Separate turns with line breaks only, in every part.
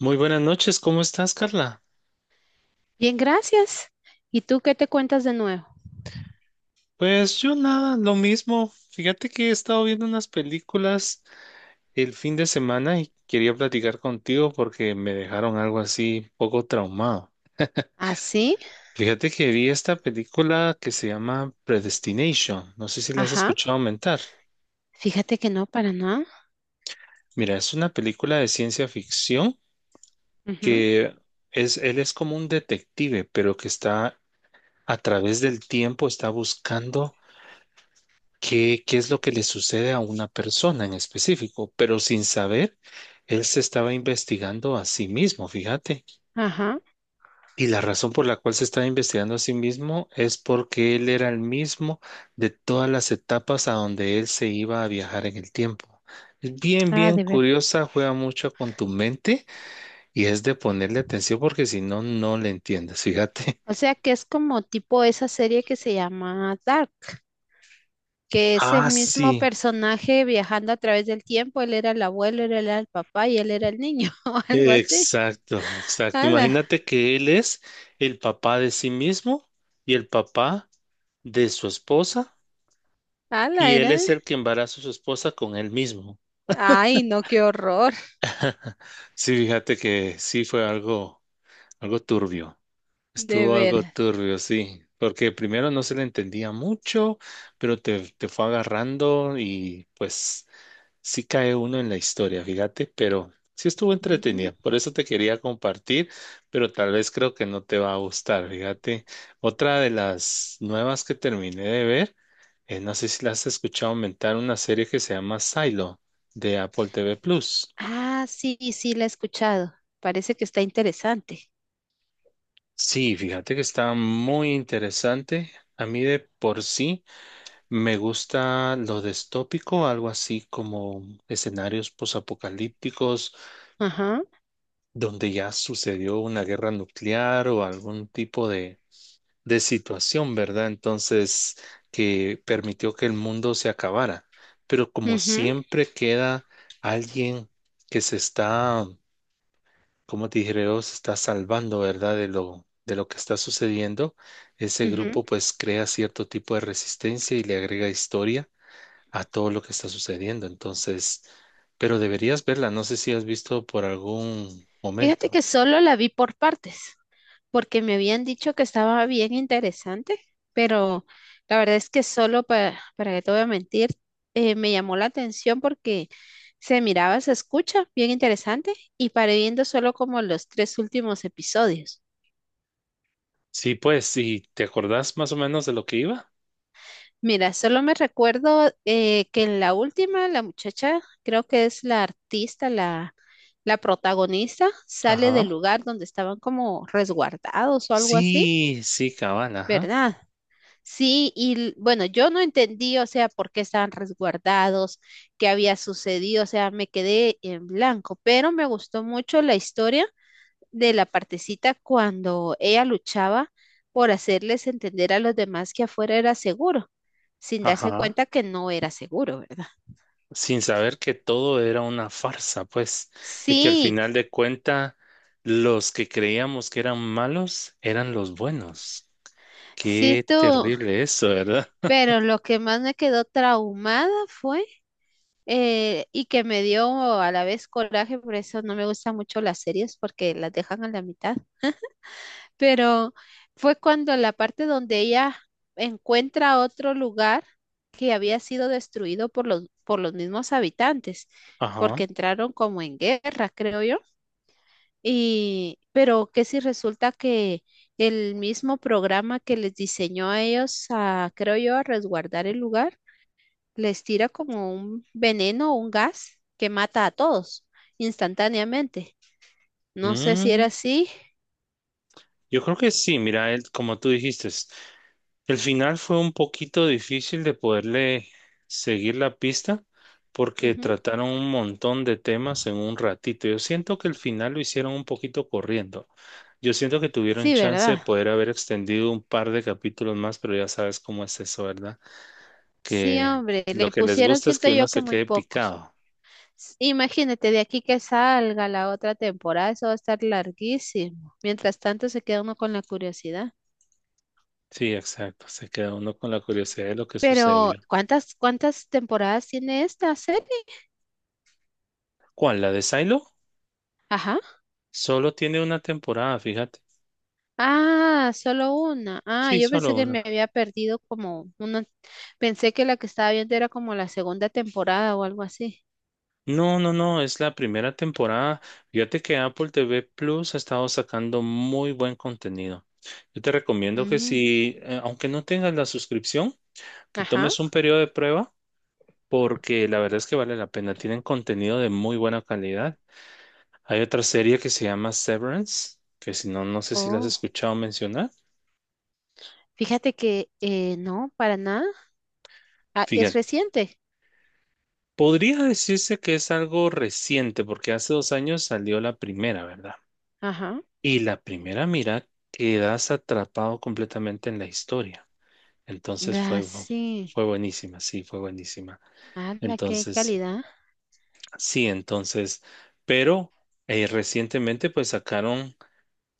Muy buenas noches, ¿cómo estás, Carla?
Bien, gracias. ¿Y tú qué te cuentas de nuevo?
Pues yo nada, lo mismo. Fíjate que he estado viendo unas películas el fin de semana y quería platicar contigo porque me dejaron algo así poco traumado.
¿Ah, sí?
Fíjate que vi esta película que se llama Predestination. No sé si la has
Ajá.
escuchado aumentar.
Fíjate que no, para nada.
Mira, es una película de ciencia ficción
Ujú,
que es, él es como un detective, pero que está a través del tiempo, está buscando qué es lo que le sucede a una persona en específico, pero sin saber, él se estaba investigando a sí mismo, fíjate.
ajá.
Y la razón por la cual se estaba investigando a sí mismo es porque él era el mismo de todas las etapas a donde él se iba a viajar en el tiempo. Es bien,
Ah,
bien
de ver.
curiosa, juega mucho con tu mente y es de ponerle atención porque si no, no le entiendes, fíjate.
O sea que es como tipo esa serie que se llama Dark, que es el
Ah, sí.
mismo personaje viajando a través del tiempo. Él era el abuelo, él era el papá y él era el niño, o algo así.
Exacto, exacto.
Ala,
Imagínate que él es el papá de sí mismo y el papá de su esposa,
ala,
y él
era.
es el que embaraza a su esposa con él mismo.
Ay, no, qué horror.
Sí, fíjate que sí fue algo, algo turbio.
De
Estuvo algo
ver.
turbio, sí. Porque primero no se le entendía mucho, pero te fue agarrando y pues sí cae uno en la historia, fíjate, pero sí estuvo
Mm.
entretenida. Por eso te quería compartir, pero tal vez creo que no te va a gustar, fíjate. Otra de las nuevas que terminé de ver, no sé si la has escuchado aumentar, una serie que se llama Silo de Apple TV Plus.
Ah, sí, sí, la he escuchado. Parece que está interesante.
Sí, fíjate que está muy interesante. A mí de por sí me gusta lo distópico, algo así como escenarios posapocalípticos
Ajá.
donde ya sucedió una guerra nuclear o algún tipo de situación, ¿verdad? Entonces, que permitió que el mundo se acabara. Pero como siempre queda alguien que se está, como te dije, se está salvando, ¿verdad? De lo que está sucediendo, ese
Mhm.
grupo pues crea cierto tipo de resistencia y le agrega historia a todo lo que está sucediendo. Entonces, pero deberías verla, no sé si has visto por algún
Fíjate que
momento.
solo la vi por partes, porque me habían dicho que estaba bien interesante, pero la verdad es que solo para que te voy a mentir, me llamó la atención porque se miraba, se escucha, bien interesante, y paré viendo solo como los tres últimos episodios.
Sí, pues, ¿y te acordás más o menos de lo que iba?
Mira, solo me recuerdo que en la última, la muchacha, creo que es la artista, la protagonista, sale del
Ajá.
lugar donde estaban como resguardados o algo así,
Sí, sí, cabal, ajá.
¿verdad? Sí, y bueno, yo no entendí, o sea, por qué estaban resguardados, qué había sucedido, o sea, me quedé en blanco, pero me gustó mucho la historia de la partecita cuando ella luchaba por hacerles entender a los demás que afuera era seguro, sin darse
Ajá.
cuenta que no era seguro, ¿verdad?
Sin saber que todo era una farsa, pues, y que al
Sí,
final de cuenta los que creíamos que eran malos eran los buenos.
sí
Qué
tú,
terrible eso, ¿verdad?
pero lo que más me quedó traumada fue y que me dio a la vez coraje, por eso no me gustan mucho las series porque las dejan a la mitad, pero fue cuando la parte donde ella encuentra otro lugar que había sido destruido por por los mismos habitantes,
Ajá.
porque entraron como en guerra, creo yo, y pero que si resulta que el mismo programa que les diseñó a ellos a, creo yo, a resguardar el lugar, les tira como un veneno o un gas que mata a todos instantáneamente. No sé si era
Mm,
así.
yo creo que sí, mira, él, como tú dijiste, el final fue un poquito difícil de poderle seguir la pista porque
Ujú.
trataron un montón de temas en un ratito. Yo siento que el final lo hicieron un poquito corriendo. Yo siento que tuvieron
Sí,
chance de
¿verdad?
poder haber extendido un par de capítulos más, pero ya sabes cómo es eso, ¿verdad?
Sí,
Que
hombre,
lo
le
que les
pusieron,
gusta es
siento
que uno
yo que
se
muy
quede
pocos.
picado.
S- Imagínate, de aquí que salga la otra temporada, eso va a estar larguísimo. Mientras tanto, se queda uno con la curiosidad.
Sí, exacto. Se queda uno con la curiosidad de lo que
Pero,
sucedió.
¿cuántas temporadas tiene esta serie?
¿Cuál? ¿La de Silo?
Ajá.
Solo tiene una temporada, fíjate.
Ah, solo una. Ah,
Sí,
yo pensé
solo
que me
una.
había perdido como una. Pensé que la que estaba viendo era como la segunda temporada o algo así.
No, no, no, es la primera temporada. Fíjate que Apple TV Plus ha estado sacando muy buen contenido. Yo te recomiendo que
Mm,
si, aunque no tengas la suscripción, que
ajá.
tomes un periodo de prueba, porque la verdad es que vale la pena. Tienen contenido de muy buena calidad. Hay otra serie que se llama Severance, que si no, no sé si la has
Oh,
escuchado mencionar.
fíjate que no, para nada. Ah, es
Fíjate,
reciente.
podría decirse que es algo reciente, porque hace dos años salió la primera, ¿verdad?
Ajá.
Y la primera mira quedas atrapado completamente en la historia. Entonces
Ah,
fue,
sí.
fue buenísima, sí, fue buenísima.
Ah, la qué
Entonces,
calidad.
sí, entonces, pero recientemente pues sacaron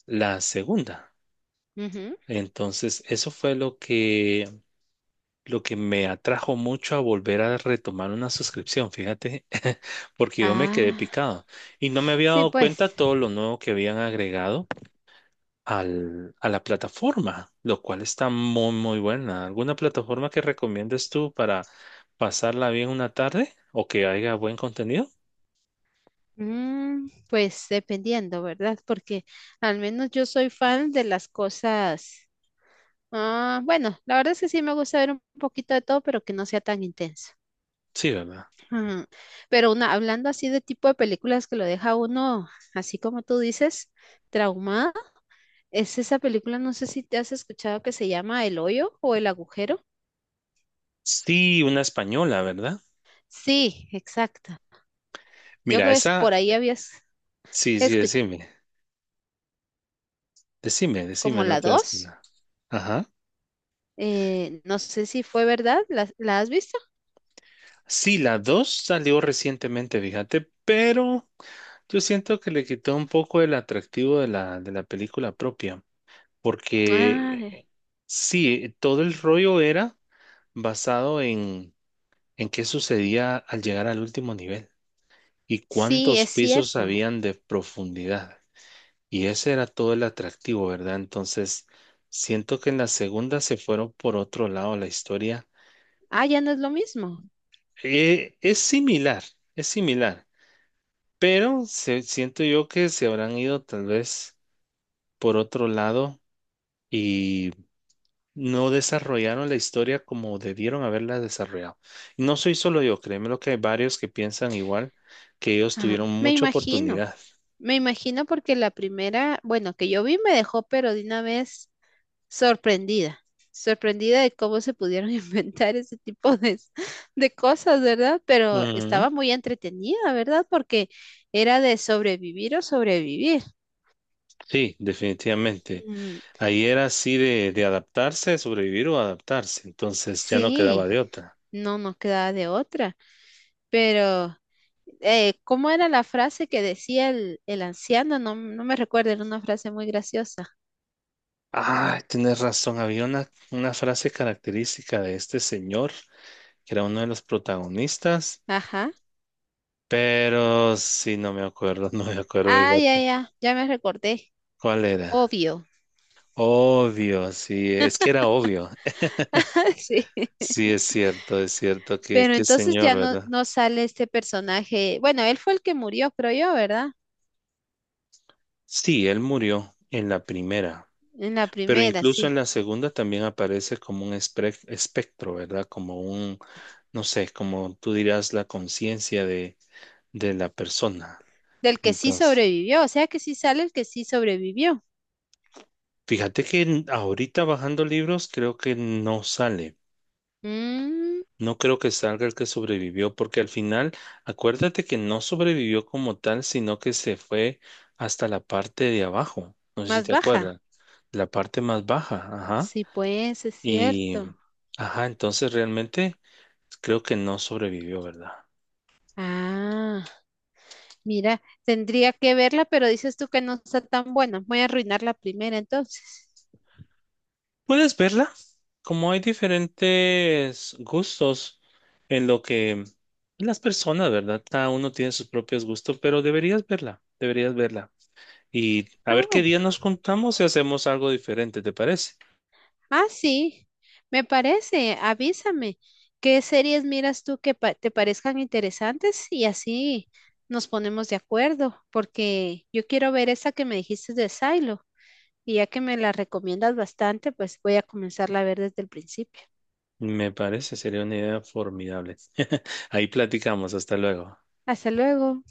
la segunda.
Ujú.
Entonces, eso fue lo que me atrajo mucho a volver a retomar una suscripción, fíjate, porque yo me quedé
Ah,
picado y no me había
sí,
dado
pues.
cuenta todo lo nuevo que habían agregado a la plataforma, lo cual está muy, muy buena. ¿Alguna plataforma que recomiendes tú para pasarla bien una tarde o que haya buen contenido?
Mm, pues dependiendo, ¿verdad? Porque al menos yo soy fan de las cosas. Ah, bueno, la verdad es que sí me gusta ver un poquito de todo, pero que no sea tan intenso.
Sí, ¿verdad?
Ujú. Pero una, hablando así de tipo de películas que lo deja a uno, así como tú dices, traumada, es esa película, no sé si te has escuchado que se llama El hoyo o El agujero.
Sí, una española, ¿verdad?
Sí, exacto. Yo
Mira,
creo que es por
esa,
ahí habías
sí, sí,
escuchado
decime, decime,
como
decime, no
la
te hagas
dos.
nada. Ajá.
No sé si fue verdad, ¿la has visto?
Sí, la 2 salió recientemente, fíjate, pero yo siento que le quitó un poco el atractivo de la película propia,
Ah,
porque sí, todo el rollo era basado en qué sucedía al llegar al último nivel y
sí,
cuántos
es
pisos
cierto.
habían de profundidad. Y ese era todo el atractivo, ¿verdad? Entonces, siento que en la segunda se fueron por otro lado la historia.
Ah, ya no es lo mismo.
Eh, es similar, es similar, pero siento yo que se habrán ido tal vez por otro lado y no desarrollaron la historia como debieron haberla desarrollado. Y no soy solo yo, créeme lo que hay varios que piensan igual, que ellos
Ah,
tuvieron
me
mucha
imagino,
oportunidad.
me imagino porque la primera, bueno, que yo vi me dejó, pero de una vez sorprendida, sorprendida de cómo se pudieron inventar ese tipo de cosas, ¿verdad? Pero
Ujú.
estaba muy entretenida, ¿verdad? Porque era de sobrevivir o sobrevivir.
Sí, definitivamente.
Mm,
Ahí era así de adaptarse, sobrevivir o adaptarse. Entonces ya no quedaba
sí,
de otra.
no nos quedaba de otra, pero ¿cómo era la frase que decía el anciano? No, no me recuerdo, era una frase muy graciosa.
Ah, tienes razón. Había una frase característica de este señor, que era uno de los protagonistas,
Ajá.
pero sí, no me acuerdo, no me acuerdo,
Ah, ya,
fíjate.
ya, ya me recordé.
¿Cuál era?
Obvio.
Obvio, sí, es que era obvio.
Sí.
Sí, es cierto
Pero
que
entonces
señor,
ya no,
¿verdad?
no sale este personaje. Bueno, él fue el que murió, creo yo, ¿verdad?
Sí, él murió en la primera,
En la
pero
primera,
incluso en
sí.
la segunda también aparece como un espectro, ¿verdad? Como un, no sé, como tú dirás, la conciencia de la persona.
Del que sí
Entonces,
sobrevivió. O sea que sí sale el que sí sobrevivió.
fíjate que ahorita bajando libros creo que no sale.
Mm,
No creo que salga el que sobrevivió, porque al final, acuérdate que no sobrevivió como tal, sino que se fue hasta la parte de abajo. No sé si
más
te
baja.
acuerdas, la parte más baja, ajá.
Sí, pues, es
Y,
cierto.
ajá, entonces realmente creo que no sobrevivió, ¿verdad?
Ah, mira, tendría que verla, pero dices tú que no está tan buena. Voy a arruinar la primera entonces.
Puedes verla, como hay diferentes gustos en lo que las personas, ¿verdad? Cada uno tiene sus propios gustos, pero deberías verla, deberías verla. Y a
Ah,
ver qué
bueno.
día nos juntamos y hacemos algo diferente, ¿te parece?
Ah, sí, me parece, avísame. ¿Qué series miras tú que te parezcan interesantes? Y así nos ponemos de acuerdo, porque yo quiero ver esa que me dijiste de Silo, y ya que me la recomiendas bastante, pues voy a comenzarla a ver desde el principio.
Me parece, sería una idea formidable. Ahí platicamos, hasta luego.
Hasta luego.